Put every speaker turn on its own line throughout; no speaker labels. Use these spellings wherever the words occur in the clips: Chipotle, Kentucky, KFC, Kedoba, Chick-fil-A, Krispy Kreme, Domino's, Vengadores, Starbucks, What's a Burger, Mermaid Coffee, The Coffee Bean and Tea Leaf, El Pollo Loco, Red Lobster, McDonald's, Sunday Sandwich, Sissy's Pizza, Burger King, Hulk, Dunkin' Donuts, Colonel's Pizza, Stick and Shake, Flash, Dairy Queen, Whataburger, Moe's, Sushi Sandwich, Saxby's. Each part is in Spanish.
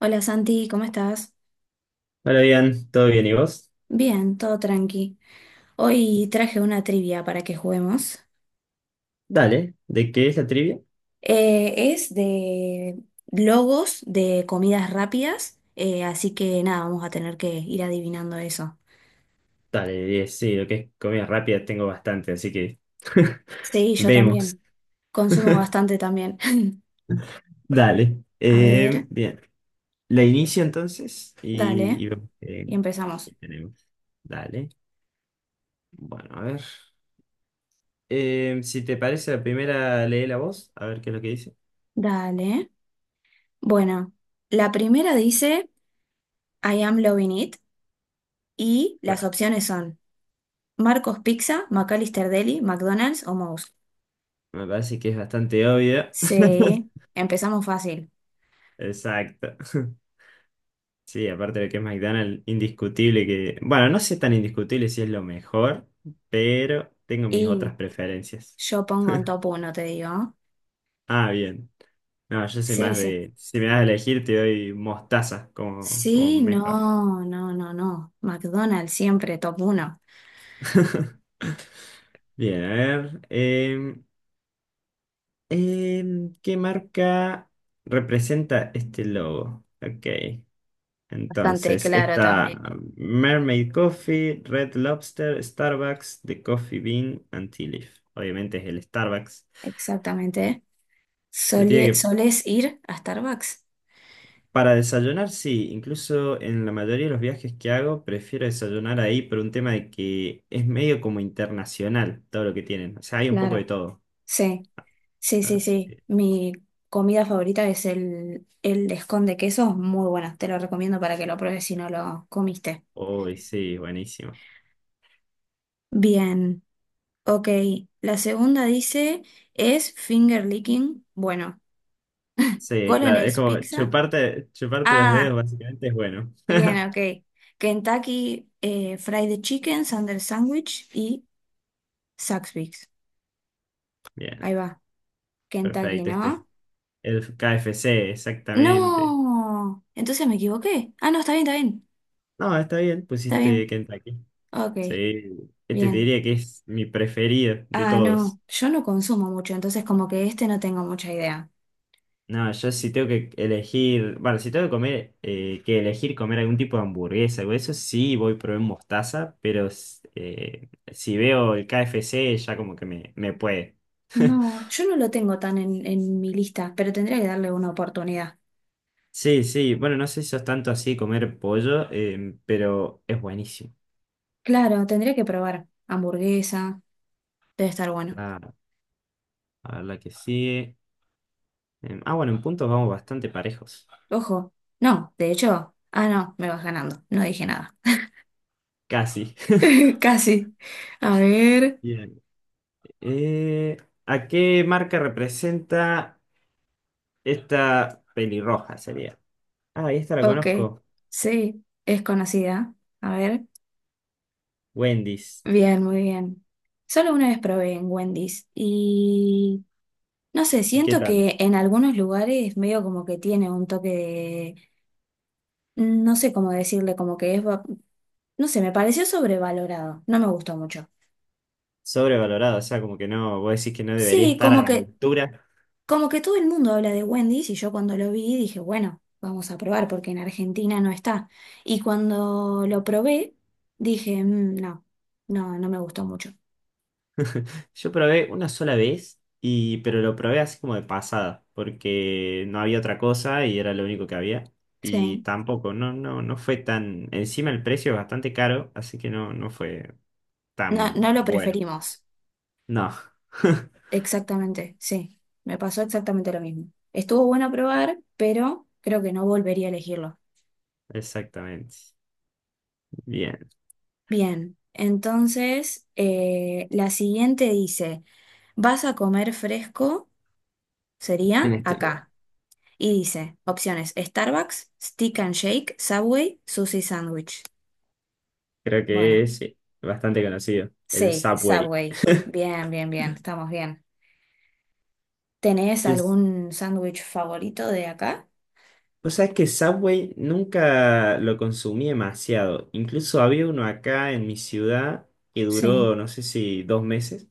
Hola Santi, ¿cómo estás?
Hola, bien, ¿todo bien? ¿Y vos?
Bien, todo tranqui. Hoy traje una trivia para que juguemos.
Dale, ¿de qué es la trivia?
Es de logos de comidas rápidas, así que nada, vamos a tener que ir adivinando eso.
Dale, 10, sí, lo que es comida rápida tengo bastante, así que
Sí, yo
vemos.
también. Consumo bastante también.
Dale,
A ver,
bien, la inicio entonces y,
dale,
y vemos qué
y
qué
empezamos.
tenemos. Dale, bueno, a ver. Si te parece, la primera lee la voz, a ver qué es lo que dice.
Dale. Bueno, la primera dice "I am loving it" y las
Claro,
opciones son Marcos Pizza, McAllister Deli, McDonald's o Moe's.
me parece que es bastante obvio.
Sí, empezamos fácil.
Exacto. Sí, aparte de que es McDonald's, indiscutible que... Bueno, no sé tan indiscutible si es lo mejor, pero tengo mis otras
Y
preferencias.
yo pongo en top uno, te digo.
Ah, bien. No, yo soy
Sí,
más
sí.
de... Si me das a elegir, te doy mostaza como
Sí,
mejor.
no, no, no, no. McDonald's siempre top uno.
Bien, a ver. ¿Qué marca representa este logo? Ok.
Bastante
Entonces,
claro
está
también.
Mermaid Coffee, Red Lobster, Starbucks, The Coffee Bean and Tea Leaf. Obviamente es el Starbucks.
Exactamente.
Yo te digo que
¿Solés ir a Starbucks?
para desayunar, sí, incluso en la mayoría de los viajes que hago, prefiero desayunar ahí por un tema de que es medio como internacional todo lo que tienen. O sea, hay un poco de
Claro.
todo.
Sí, sí, sí,
Así
sí.
que,
Mi comida favorita es el escón de queso. Muy bueno. Te lo recomiendo para que lo pruebes si no lo comiste.
uy, sí, buenísimo.
Bien. Ok, la segunda dice, ¿es finger licking? Bueno,
Sí, claro, es
Colonel's
como
Pizza.
chuparte los
Ah,
dedos, básicamente es bueno.
bien, ok. Kentucky Fried Chicken, Sunday Sandwich y Saxby's.
Bien,
Ahí va, Kentucky,
perfecto.
¿no?
Este el KFC, exactamente.
No, entonces me equivoqué. Ah, no, está bien, está bien,
No, está bien,
está
pusiste
bien.
Kentucky.
Ok,
Sí, este te
bien.
diría que es mi preferido de
Ah,
todos.
no, yo no consumo mucho, entonces como que este no tengo mucha idea.
No, yo si tengo que elegir, bueno, si tengo que comer, que elegir comer algún tipo de hamburguesa o eso, sí voy a probar mostaza, pero si veo el KFC ya como que me puede.
No, yo no lo tengo tan en mi lista, pero tendría que darle una oportunidad.
Sí, sí, bueno, no sé si sos tanto así de comer pollo, pero es buenísimo.
Claro, tendría que probar hamburguesa, debe estar bueno.
La, a ver la que sigue. Bueno, en puntos vamos bastante parejos.
Ojo, no, de hecho, ah, no, me vas ganando, no dije nada.
Casi.
Casi. A ver,
Bien. Eh, ¿A qué marca representa esta pelirroja sería? Ah, y esta la
ok,
conozco.
sí, es conocida. A ver,
Wendy's.
bien, muy bien. Solo una vez probé en Wendy's y no sé,
¿Y qué
siento
tal?
que en algunos lugares medio como que tiene un toque de, no sé cómo decirle, como que es, no sé, me pareció sobrevalorado, no me gustó mucho.
Sobrevalorado, o sea, como que no, vos decís que no debería
Sí,
estar a
como
la
que...
altura.
Como que todo el mundo habla de Wendy's y yo cuando lo vi dije, bueno, vamos a probar porque en Argentina no está. Y cuando lo probé, dije, "Mm, no, no, no me gustó mucho."
Yo probé una sola vez, y, pero lo probé así como de pasada, porque no había otra cosa y era lo único que había. Y
Sí,
tampoco, no fue tan. Encima el precio es bastante caro, así que no fue
no,
tan
no lo
bueno.
preferimos.
No.
Exactamente, sí, me pasó exactamente lo mismo. Estuvo bueno probar, pero creo que no volvería a elegirlo.
Exactamente. Bien.
Bien, entonces la siguiente dice, ¿vas a comer fresco?
En
Sería
este lugar.
acá. Y dice, opciones, Starbucks, Stick and Shake, Subway, Sushi Sandwich.
Creo
Bueno,
que es sí, bastante conocido. El
sí,
Subway.
Subway. Bien, bien, bien, estamos bien. ¿Tenés
Es,
algún sándwich favorito de acá?
o sea, es que Subway nunca lo consumí demasiado. Incluso había uno acá en mi ciudad que
Sí,
duró, no sé si dos meses,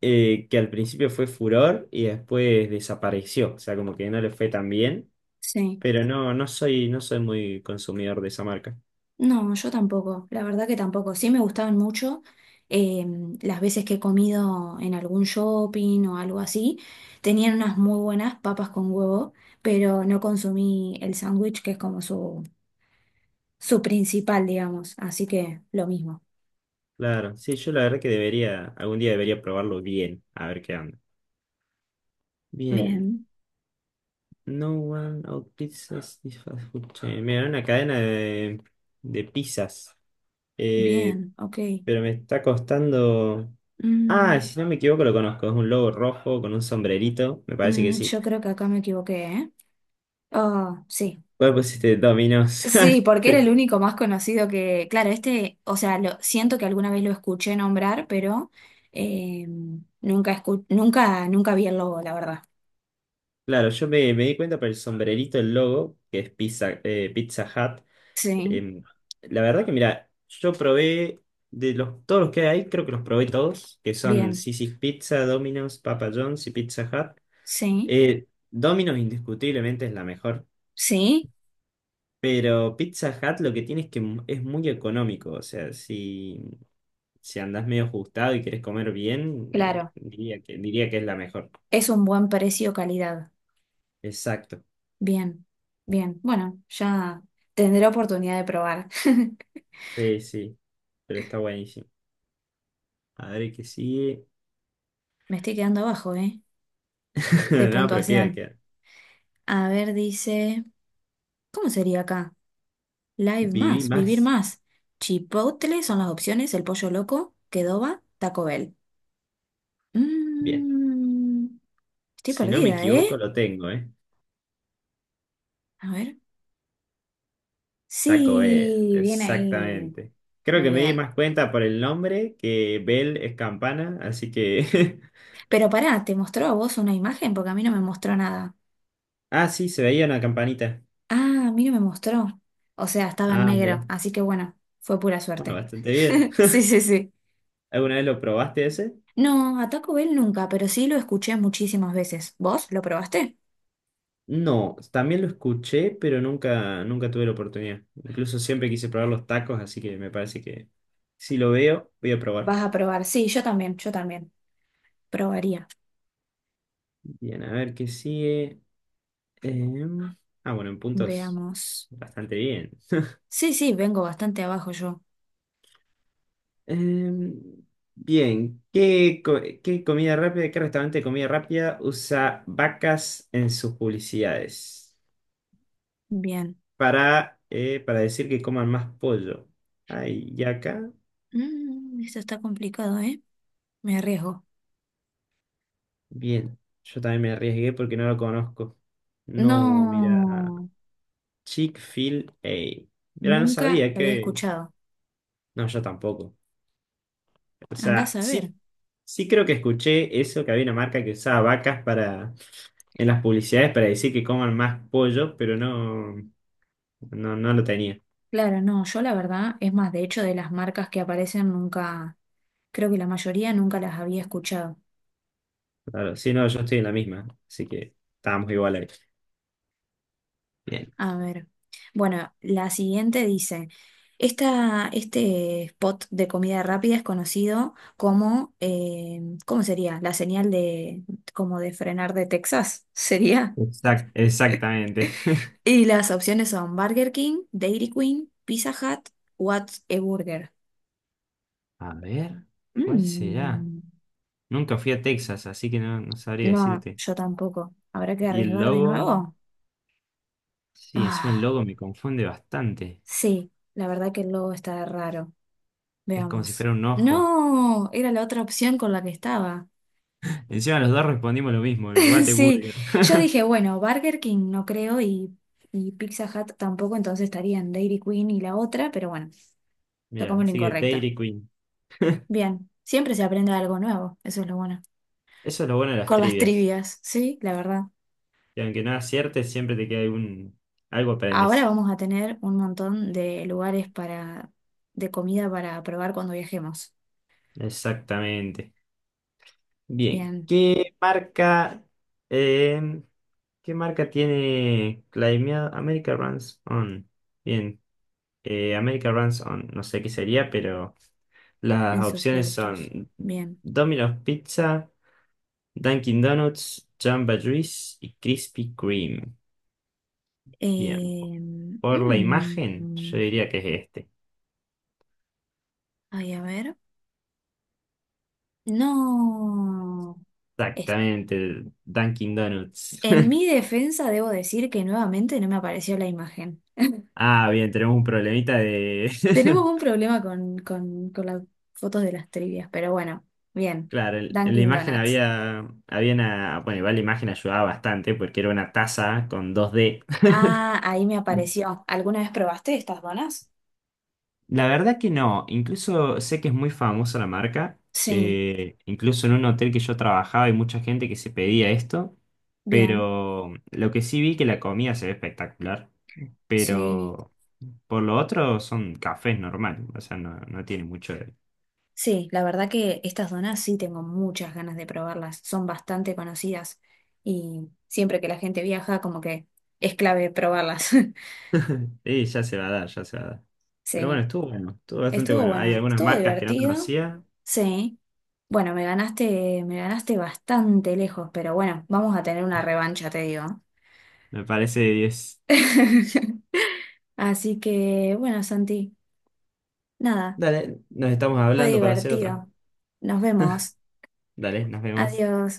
que al principio fue furor y después desapareció. O sea, como que no le fue tan bien.
sí.
Pero no, no soy muy consumidor de esa marca.
No, yo tampoco, la verdad que tampoco. Sí me gustaban mucho eh, las veces que he comido en algún shopping o algo así. Tenían unas muy buenas papas con huevo, pero no consumí el sándwich que es como su principal, digamos. Así que lo mismo.
Claro, sí, yo la verdad que debería, algún día debería probarlo bien, a ver qué onda. Bien.
Bien,
No one out pizzas is fast food chain. Mira, era una cadena de pizzas. Eh,
bien, ok.
pero me está costando. Ah,
Mm,
si no me equivoco, lo conozco. Es un lobo rojo con un sombrerito. Me parece que sí.
yo creo que acá me equivoqué, ¿eh? Oh, sí.
¿Cuál pusiste? Domino's.
Sí, porque era el
Sí.
único más conocido que. Claro, este, o sea, lo, siento que alguna vez lo escuché nombrar, pero eh, nunca, nunca vi el logo, la verdad.
Claro, yo me di cuenta por el sombrerito, el logo, que es Pizza, Pizza Hut.
Sí,
Em, la verdad que, mira, yo probé todos los que hay, creo que los probé todos, que son
bien.
Sissy's Pizza, Domino's, Papa John's y Pizza Hut.
Sí,
Domino's indiscutiblemente es la mejor,
sí,
pero Pizza Hut lo que tiene es que es muy económico, o sea, si, si andás medio ajustado y querés comer bien,
claro.
diría que es la mejor.
Es un buen precio calidad.
Exacto,
Bien, bien. Bueno, ya tendré oportunidad de probar.
sí, sí, pero está buenísimo. A ver qué sigue.
Me estoy quedando abajo, ¿eh? De
No, pero queda,
puntuación.
queda.
A ver, dice, ¿cómo sería acá? Live
Viví
más, vivir
más.
más. Chipotle son las opciones, el pollo loco, Kedoba, Taco Bell.
Bien,
Mm, estoy
si no me
perdida,
equivoco
¿eh?
lo tengo, ¿eh?
A ver.
Taco Bell,
Sí, bien ahí.
exactamente. Creo
Muy
que me di
bien.
más cuenta por el nombre que Bell es campana, así que
Pero pará, ¿te mostró a vos una imagen? Porque a mí no me mostró nada.
Ah, sí, se veía una campanita.
Ah, a mí no me mostró. O sea, estaba en
Ah, mira.
negro, así que bueno, fue pura
Bueno,
suerte.
bastante bien.
Sí, sí, sí.
¿Alguna vez lo probaste ese?
No, a Taco Bell nunca, pero sí lo escuché muchísimas veces. ¿Vos lo probaste?
No, también lo escuché, pero nunca tuve la oportunidad. Incluso siempre quise probar los tacos, así que me parece que si lo veo, voy a probar.
Vas a probar. Sí, yo también, yo también. Probaría.
Bien, a ver qué sigue. Em, bueno, en puntos.
Veamos.
Bastante bien.
Sí, sí, vengo bastante abajo yo.
Em, Bien, ¿qué comida rápida, qué restaurante de comida rápida usa vacas en sus publicidades?
Bien.
Para, para decir que coman más pollo. Ay, y acá,
Mm, esto está complicado, ¿eh? Me arriesgo.
bien. Yo también me arriesgué porque no lo conozco. No, mira,
No,
Chick-fil-A. Mira, no
nunca
sabía
lo había
que...
escuchado.
No, yo tampoco. O
Andás
sea,
a ver.
sí, sí creo que escuché eso, que había una marca que usaba vacas para... en las publicidades para decir que coman más pollo, pero no, no lo tenía.
Claro, no, yo la verdad, es más, de hecho, de las marcas que aparecen nunca, creo que la mayoría nunca las había escuchado.
Claro, sí, no, yo estoy en la misma, así que estábamos igual ahí. Bien.
A ver. Bueno, la siguiente dice, esta, este spot de comida rápida es conocido como, ¿cómo sería? La señal de, como de frenar de Texas, ¿sería?
Exactamente.
Y las opciones son Burger King, Dairy Queen, Pizza Hut, What's a Burger.
A ver, ¿cuál será?
Mm,
Nunca fui a Texas, así que no, no sabría
no,
decirte.
yo tampoco. ¿Habrá que
Y el
arriesgar de
logo,
nuevo?
sí, encima el
Ah,
logo me confunde bastante.
sí, la verdad que el logo está raro.
Es como si
Veamos.
fuera un ojo.
No, era la otra opción con la que estaba.
Encima los dos respondimos lo mismo, el
Sí,
Whataburger.
yo dije, bueno, Burger King no creo y Pizza Hut tampoco, entonces estarían Dairy Queen y la otra, pero bueno,
Mira,
tocamos la
así que
incorrecta.
Dairy Queen.
Bien, siempre se aprende algo nuevo, eso es lo bueno.
Eso es lo bueno de las
Con las
trivias.
trivias, sí, la verdad.
Que aunque no aciertes, siempre te queda algún... algo
Ahora
aprendes.
vamos a tener un montón de lugares para, de comida para probar cuando viajemos.
Exactamente. Bien,
Bien,
eh, ¿qué marca tiene Climate America Runs On? Bien, American Ransom, no sé qué sería, pero las
en sus
opciones
productos.
son
Bien.
Domino's Pizza, Dunkin' Donuts, Jamba Juice y Krispy Kreme. Bien,
Eh,
por la imagen, yo
mm,
diría que es este.
ay, a ver. No.
Exactamente, el Dunkin' Donuts.
En mi defensa debo decir que nuevamente no me apareció la imagen.
Ah, bien, tenemos un problemita de...
Tenemos un problema con las fotos de las trivias, pero bueno, bien.
Claro, en la
Dunkin'
imagen
Donuts.
había, había una... Bueno, igual la imagen ayudaba bastante porque era una taza con dos d
Ah, ahí me apareció. ¿Alguna vez probaste estas donas?
La verdad que no, incluso sé que es muy famosa la marca,
Sí,
incluso en un hotel que yo trabajaba hay mucha gente que se pedía esto,
bien,
pero lo que sí vi que la comida se ve espectacular,
sí.
pero por lo otro son cafés normal, o sea, no, no tiene mucho de...
Sí, la verdad que estas donas sí tengo muchas ganas de probarlas. Son bastante conocidas y siempre que la gente viaja como que es clave probarlas.
Sí, ya se va a dar, ya se va a dar. Pero
Sí.
bueno, estuvo bastante
Estuvo
bueno. Hay
bueno,
algunas
estuvo
marcas que no
divertido,
conocía,
sí. Bueno, me ganaste bastante lejos, pero bueno, vamos a tener una revancha, te digo.
me parece de 10.
Así que, bueno, Santi, nada,
Dale, nos estamos
fue
hablando para hacer otra.
divertido. Nos vemos.
Dale, nos vemos.
Adiós.